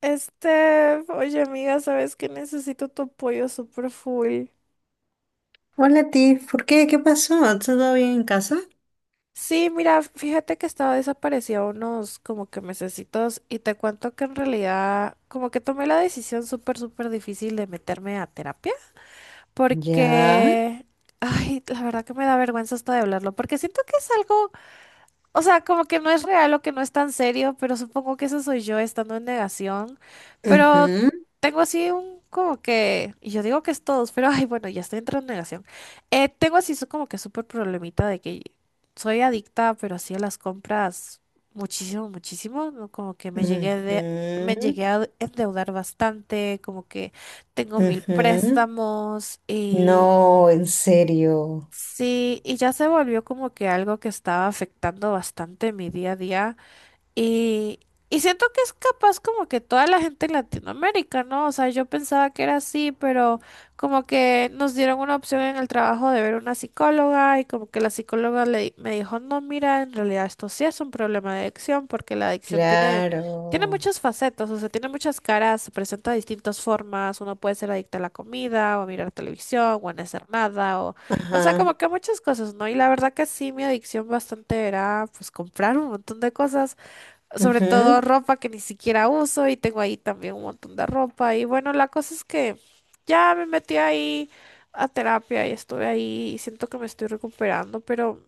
Oye amiga, sabes que necesito tu apoyo super full. Hola, Tiff, ¿por qué? ¿Qué pasó? ¿Todo bien en casa? Sí, mira, fíjate que estaba desaparecida unos como que mesecitos y te cuento que en realidad como que tomé la decisión súper súper difícil de meterme a terapia Ya. porque, ay, la verdad que me da vergüenza hasta de hablarlo porque siento que es algo. O sea, como que no es real o que no es tan serio, pero supongo que eso soy yo estando en negación. Pero Ujú, tengo así un como que, y yo digo que es todos, pero ay, bueno, ya estoy entrando en negación. Tengo así como que súper problemita de que soy adicta, pero así a las compras muchísimo, muchísimo. ¿No? Como que me llegué de, me ujú, llegué a endeudar bastante, como que tengo mil ujú. préstamos y... No, en serio. Sí, y ya se volvió como que algo que estaba afectando bastante mi día a día. Y, y siento que es capaz como que toda la gente en Latinoamérica, ¿no? O sea, yo pensaba que era así, pero como que nos dieron una opción en el trabajo de ver una psicóloga y como que la psicóloga le, me dijo, no, mira, en realidad esto sí es un problema de adicción porque la adicción tiene, tiene Claro. muchas facetas, o sea, tiene muchas caras, se presenta de distintas formas, uno puede ser adicto a la comida o a mirar televisión o a no hacer nada o... O sea, como Ajá. que muchas cosas, ¿no? Y la verdad que sí, mi adicción bastante era pues comprar un montón de cosas, sobre Ujú, todo ropa que ni siquiera uso y tengo ahí también un montón de ropa. Y bueno, la cosa es que ya me metí ahí a terapia y estuve ahí y siento que me estoy recuperando, pero,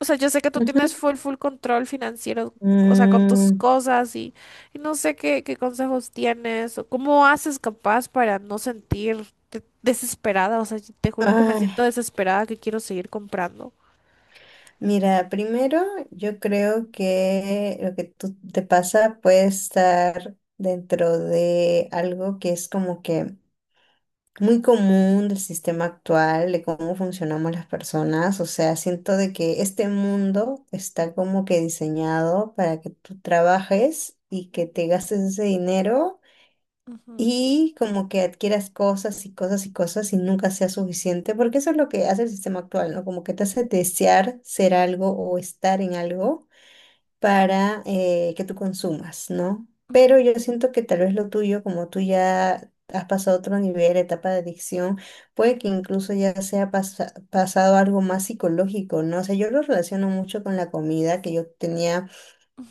o sea, yo sé que tú tienes ujú. full, full control financiero, o sea, con tus Mm, cosas y no sé qué, qué consejos tienes o cómo haces capaz para no sentirte desesperada, o sea, te juro que me ay, siento desesperada que quiero seguir comprando. mira, primero yo creo que lo que tú te pasa puede estar dentro de algo que es como que muy común del sistema actual, de cómo funcionamos las personas. O sea, siento de que este mundo está como que diseñado para que tú trabajes y que te gastes ese dinero Ujú, y como que adquieras cosas y cosas y cosas y nunca sea suficiente, porque eso es lo que hace el sistema actual, ¿no? Como que te hace desear ser algo o estar en algo para que tú consumas, ¿no? Pero yo siento que tal vez lo tuyo, como tú ya has pasado otro nivel, etapa de adicción, puede que incluso ya sea pasado algo más psicológico, ¿no? O sea, yo lo relaciono mucho con la comida, que yo tenía,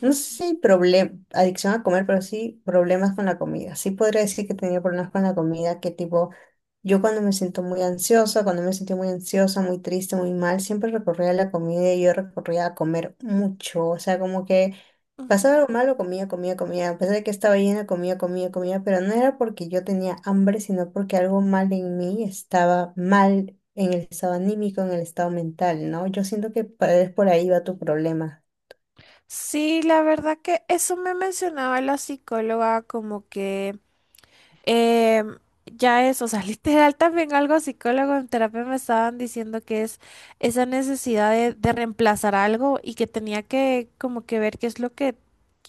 no sé si problema, adicción a comer, pero sí problemas con la comida. Sí podría decir que tenía problemas con la comida, que tipo... Yo cuando me siento muy ansiosa, cuando me sentí muy ansiosa, muy triste, muy mal, siempre recorría a la comida y yo recorría a comer mucho. O sea, como que ujú, pasaba algo ujú. malo, comía, comía, comía. A pesar de que estaba llena, comía, comía, comía. Pero no era porque yo tenía hambre, sino porque algo mal en mí estaba mal en el estado anímico, en el estado mental, ¿no? Yo siento que es por ahí va tu problema. Sí, la verdad que eso me mencionaba la psicóloga, como que em, ya es, o sea, literal también algo psicólogo en terapia me estaban diciendo que es esa necesidad de reemplazar algo y que tenía que como que ver qué es lo que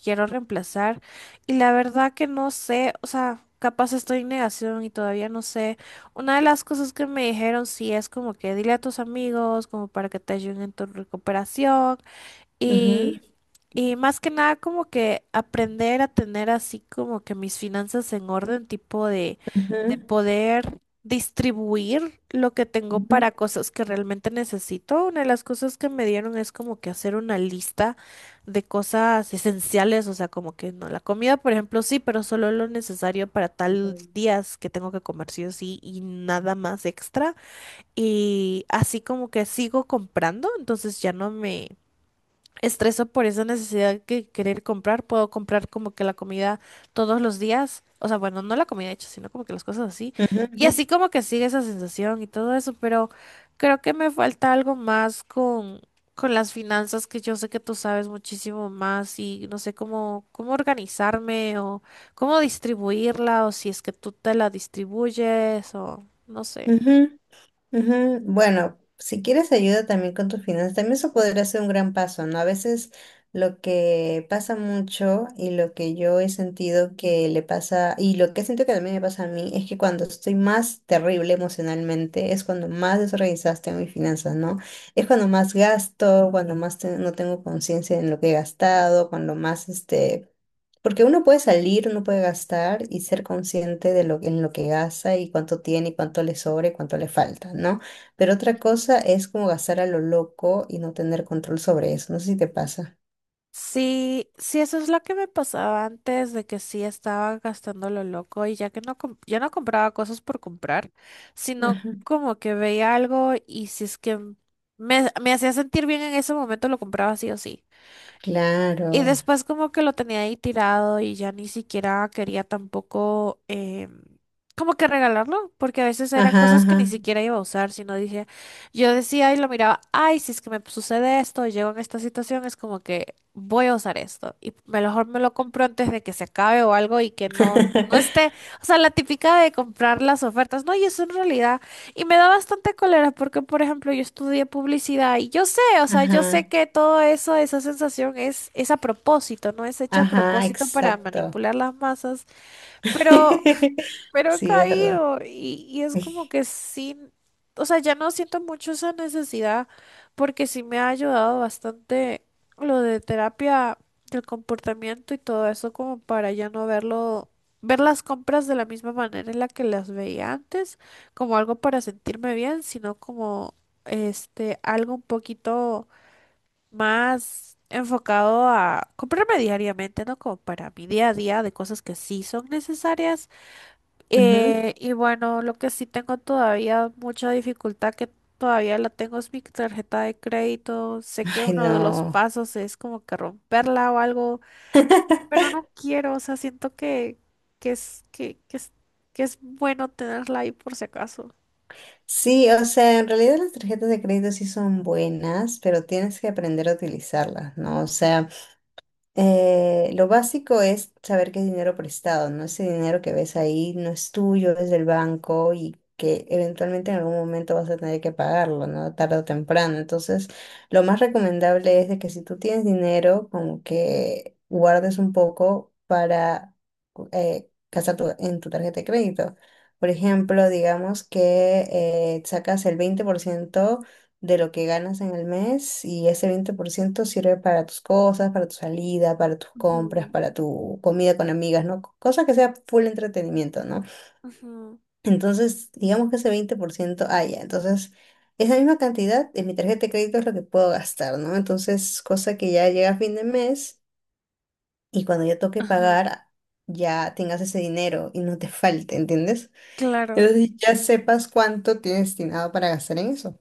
quiero reemplazar. Y la verdad que no sé, o sea, capaz estoy en negación y todavía no sé. Una de las cosas que me dijeron sí es como que dile a tus amigos como para que te ayuden en tu recuperación y, Ujú, y más que nada como que aprender a tener así como que mis finanzas en orden, tipo de ujú, poder distribuir lo que tengo ujú, para cosas que realmente necesito. Una de las cosas que me dieron es como que hacer una lista de cosas esenciales, o sea, como que no, la comida, por ejemplo, sí, pero solo lo necesario para tal ujú, días que tengo que comer sí o sí y nada más extra. Y así como que sigo comprando, entonces ya no me estreso por esa necesidad que querer comprar. Puedo comprar como que la comida todos los días. O sea, bueno, no la comida hecha, sino como que las cosas así. Y ujú, así como que sigue esa sensación y todo eso, pero creo que me falta algo más con las finanzas, que yo sé que tú sabes muchísimo más y no sé cómo, cómo organizarme o cómo distribuirla o si es que tú te la distribuyes o no sé. ujú. Ujú. Ujú, bueno, si quieres ayuda también con tus finanzas, también eso podría ser un gran paso, ¿no? A veces lo que pasa mucho y lo que yo he sentido que le pasa, y lo que he sentido que también me pasa a mí, es que cuando estoy más terrible emocionalmente, es cuando más desorganizada tengo mis finanzas, ¿no? Es cuando más gasto, cuando más no tengo conciencia en lo que he gastado, cuando más este... Porque uno puede salir, uno puede gastar y ser consciente de lo, en lo que gasta y cuánto tiene y cuánto le sobra y cuánto le falta, ¿no? Pero otra cosa es como gastar a lo loco y no tener control sobre eso. No sé si te pasa. Sí, sí, eso es lo que me pasaba antes de que sí estaba gastando lo loco y ya que no, ya no compraba cosas por comprar, sino Ajá. como que veía algo y si es que me hacía sentir bien en ese momento lo compraba sí o sí. Y Claro. después como que lo tenía ahí tirado y ya ni siquiera quería tampoco em, como que regalarlo, porque a veces eran Ajá, cosas que ni ajá. siquiera iba a usar, sino dije, yo decía y lo miraba, ay, si es que me sucede esto, llego en esta situación, es como que voy a usar esto. Y mejor me lo compro antes de que se acabe o algo y que no, no esté, o sea, la típica de comprar las ofertas, no, y eso en realidad... Y me da bastante cólera porque, por ejemplo, yo estudié publicidad y yo sé, o sea, yo sé Ajá, que todo eso, esa sensación es a propósito, no es hecha a ajá, propósito para exacto. manipular las masas, pero pero he Sí, es verdad. caído y es como que sí, o sea, ya no siento mucho esa necesidad porque sí me ha ayudado bastante lo de terapia del comportamiento y todo eso como para ya no verlo, ver las compras de la misma manera en la que las veía antes, como algo para sentirme bien, sino como este algo un poquito más enfocado a comprarme diariamente, ¿no? Como para mi día a día de cosas que sí son necesarias. Ujú. Y bueno, lo que sí tengo todavía mucha dificultad que todavía la tengo es mi tarjeta de crédito. Sé que Ay, uno de los no. pasos es como que romperla o algo, pero no quiero, o sea, siento que es, que, que es, que es bueno tenerla ahí por si acaso. Sí, o sea, en realidad las tarjetas de crédito sí son buenas, pero tienes que aprender a utilizarlas, ¿no? O sea, lo básico es saber que es dinero prestado, ¿no? Ese dinero que ves ahí no es tuyo, es del banco y que eventualmente en algún momento vas a tener que pagarlo, ¿no? Tarde o temprano. Entonces, lo más recomendable es de que si tú tienes dinero, como que guardes un poco para gastar en tu tarjeta de crédito. Por ejemplo, digamos que sacas el 20% de lo que ganas en el mes y ese 20% sirve para tus cosas, para tu salida, para tus compras, Ujú, para tu comida con amigas, ¿no? Cosa que sea full entretenimiento, ¿no? ujú, Entonces, digamos que ese 20% haya. Entonces, esa misma cantidad en mi tarjeta de crédito es lo que puedo gastar, ¿no? Entonces, cosa que ya llega a fin de mes y cuando ya toque ajá, pagar, ya tengas ese dinero y no te falte, ¿entiendes? claro. Entonces ya sepas cuánto tienes destinado para gastar en eso.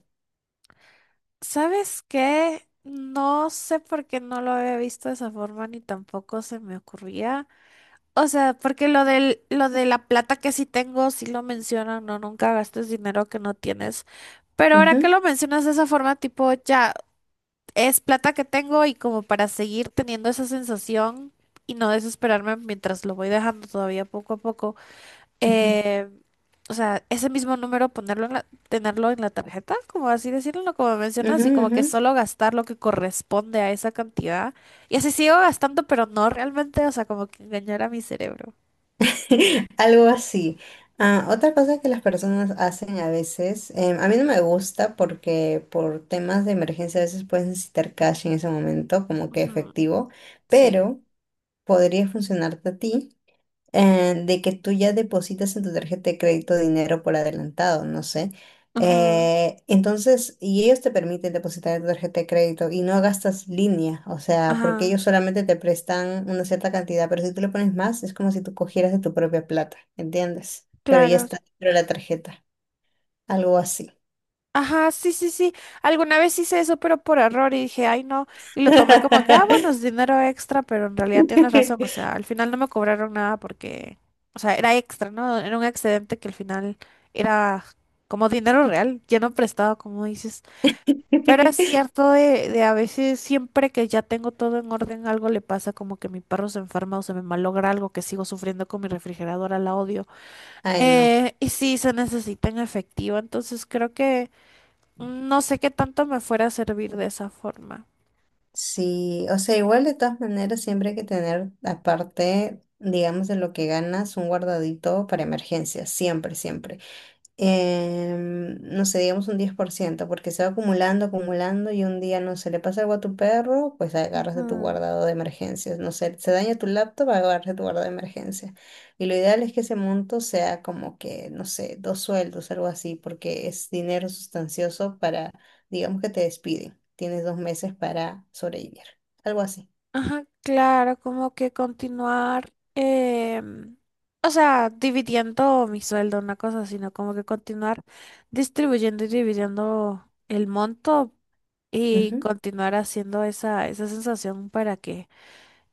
¿Sabes qué? No sé por qué no lo había visto de esa forma ni tampoco se me ocurría. O sea, porque lo del, lo de la plata que sí tengo, sí lo mencionan, no, nunca gastes dinero que no tienes. Pero ahora que Ujú, lo mencionas de esa forma, tipo, ya es plata que tengo y como para seguir teniendo esa sensación y no desesperarme mientras lo voy dejando todavía poco a poco. ujú, eh, o sea, ese mismo número ponerlo en la, tenerlo en la tarjeta, como así decirlo, como mencionas, ujú, y como que ujú. solo gastar lo que corresponde a esa cantidad. Y así sigo gastando, pero no realmente, o sea, como que engañar a mi cerebro. Algo así. Ah, otra cosa que las personas hacen a veces, a mí no me gusta porque por temas de emergencia a veces puedes necesitar cash en ese momento, como que Ujú, efectivo, sí. pero podría funcionarte a ti de que tú ya depositas en tu tarjeta de crédito dinero por adelantado, no sé. Ajá, Entonces, y ellos te permiten depositar en tu tarjeta de crédito y no gastas línea, o sea, porque ajá, ellos solamente te prestan una cierta cantidad, pero si tú le pones más, es como si tú cogieras de tu propia plata, ¿entiendes? Pero ya claro. está dentro de la tarjeta, algo así. Ajá, sí, sí, sí. Alguna vez hice eso, pero por error y dije, ay, no. Y lo tomé como que, ah, bueno, es dinero extra, pero en realidad tienes razón. O sea, al final no me cobraron nada porque, o sea, era extra, ¿no? Era un excedente que al final era como dinero real, ya no prestado, como dices. Pero es cierto de a veces, siempre que ya tengo todo en orden, algo le pasa, como que mi perro se enferma o se me malogra algo que sigo sufriendo con mi refrigeradora, la odio. Ay, no. Y sí, se necesita en efectivo, entonces creo que no sé qué tanto me fuera a servir de esa forma. Sí, o sea, igual de todas maneras siempre hay que tener aparte, digamos, de lo que ganas, un guardadito para emergencias, siempre, siempre no sé, digamos un 10% porque se va acumulando, acumulando y un día, no se le pasa algo a tu perro, pues agarras de tu Ujú. guardado de emergencias, no sé, se daña tu laptop, agarras de tu guardado de emergencia. Y lo ideal es que ese monto sea como que, no sé, dos sueldos, algo así, porque es dinero sustancioso para, digamos que te despiden, tienes dos meses para sobrevivir, algo así. Ajá, claro, como que continuar, o sea, dividiendo mi sueldo, una cosa, sino como que continuar distribuyendo y dividiendo el monto y Ujú, continuar haciendo esa, esa sensación para que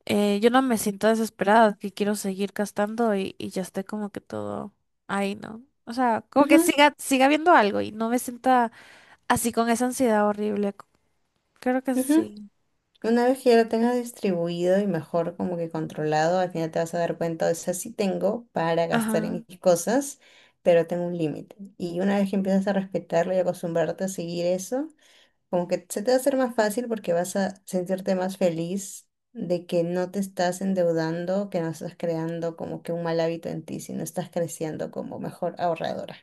yo no me siento desesperada, que quiero seguir gastando y ya esté como que todo ahí, ¿no? O sea, como que ujú, siga, siga viendo algo y no me sienta así con esa ansiedad horrible. Creo que ujú. sí. Una vez que ya lo tengas distribuido y mejor como que controlado, al final te vas a dar cuenta, o sea, sí tengo para gastar Ajá. en mis cosas, pero tengo un límite. Y una vez que empiezas a respetarlo y acostumbrarte a seguir eso, como que se te va a hacer más fácil porque vas a sentirte más feliz de que no te estás endeudando, que no estás creando como que un mal hábito en ti, sino estás creciendo como mejor ahorradora.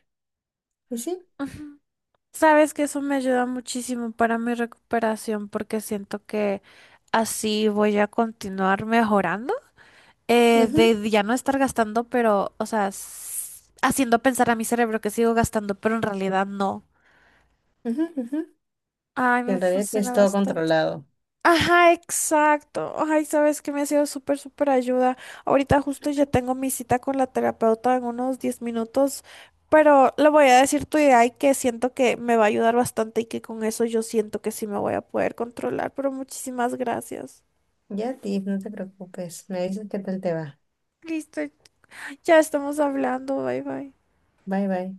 ¿Y sí? Ujú. Sabes que eso me ayuda muchísimo para mi recuperación porque siento que así voy a continuar mejorando. Ujú, De ya no estar gastando, pero, o sea, haciendo pensar a mi cerebro que sigo gastando, pero en realidad no. ujú, ujú. Ay, Que me en realidad funciona es todo bastante. controlado. Ajá, exacto. Ay, sabes que me ha sido súper, súper ayuda. Ahorita justo ya tengo mi cita con la terapeuta en unos 10 minutos, pero le voy a decir tu idea y que siento que me va a ayudar bastante y que con eso yo siento que sí me voy a poder controlar, pero muchísimas gracias. Ya, Tiff, no te preocupes. Me dices qué tal te va. Listo, ya estamos hablando, bye bye. Bye, bye.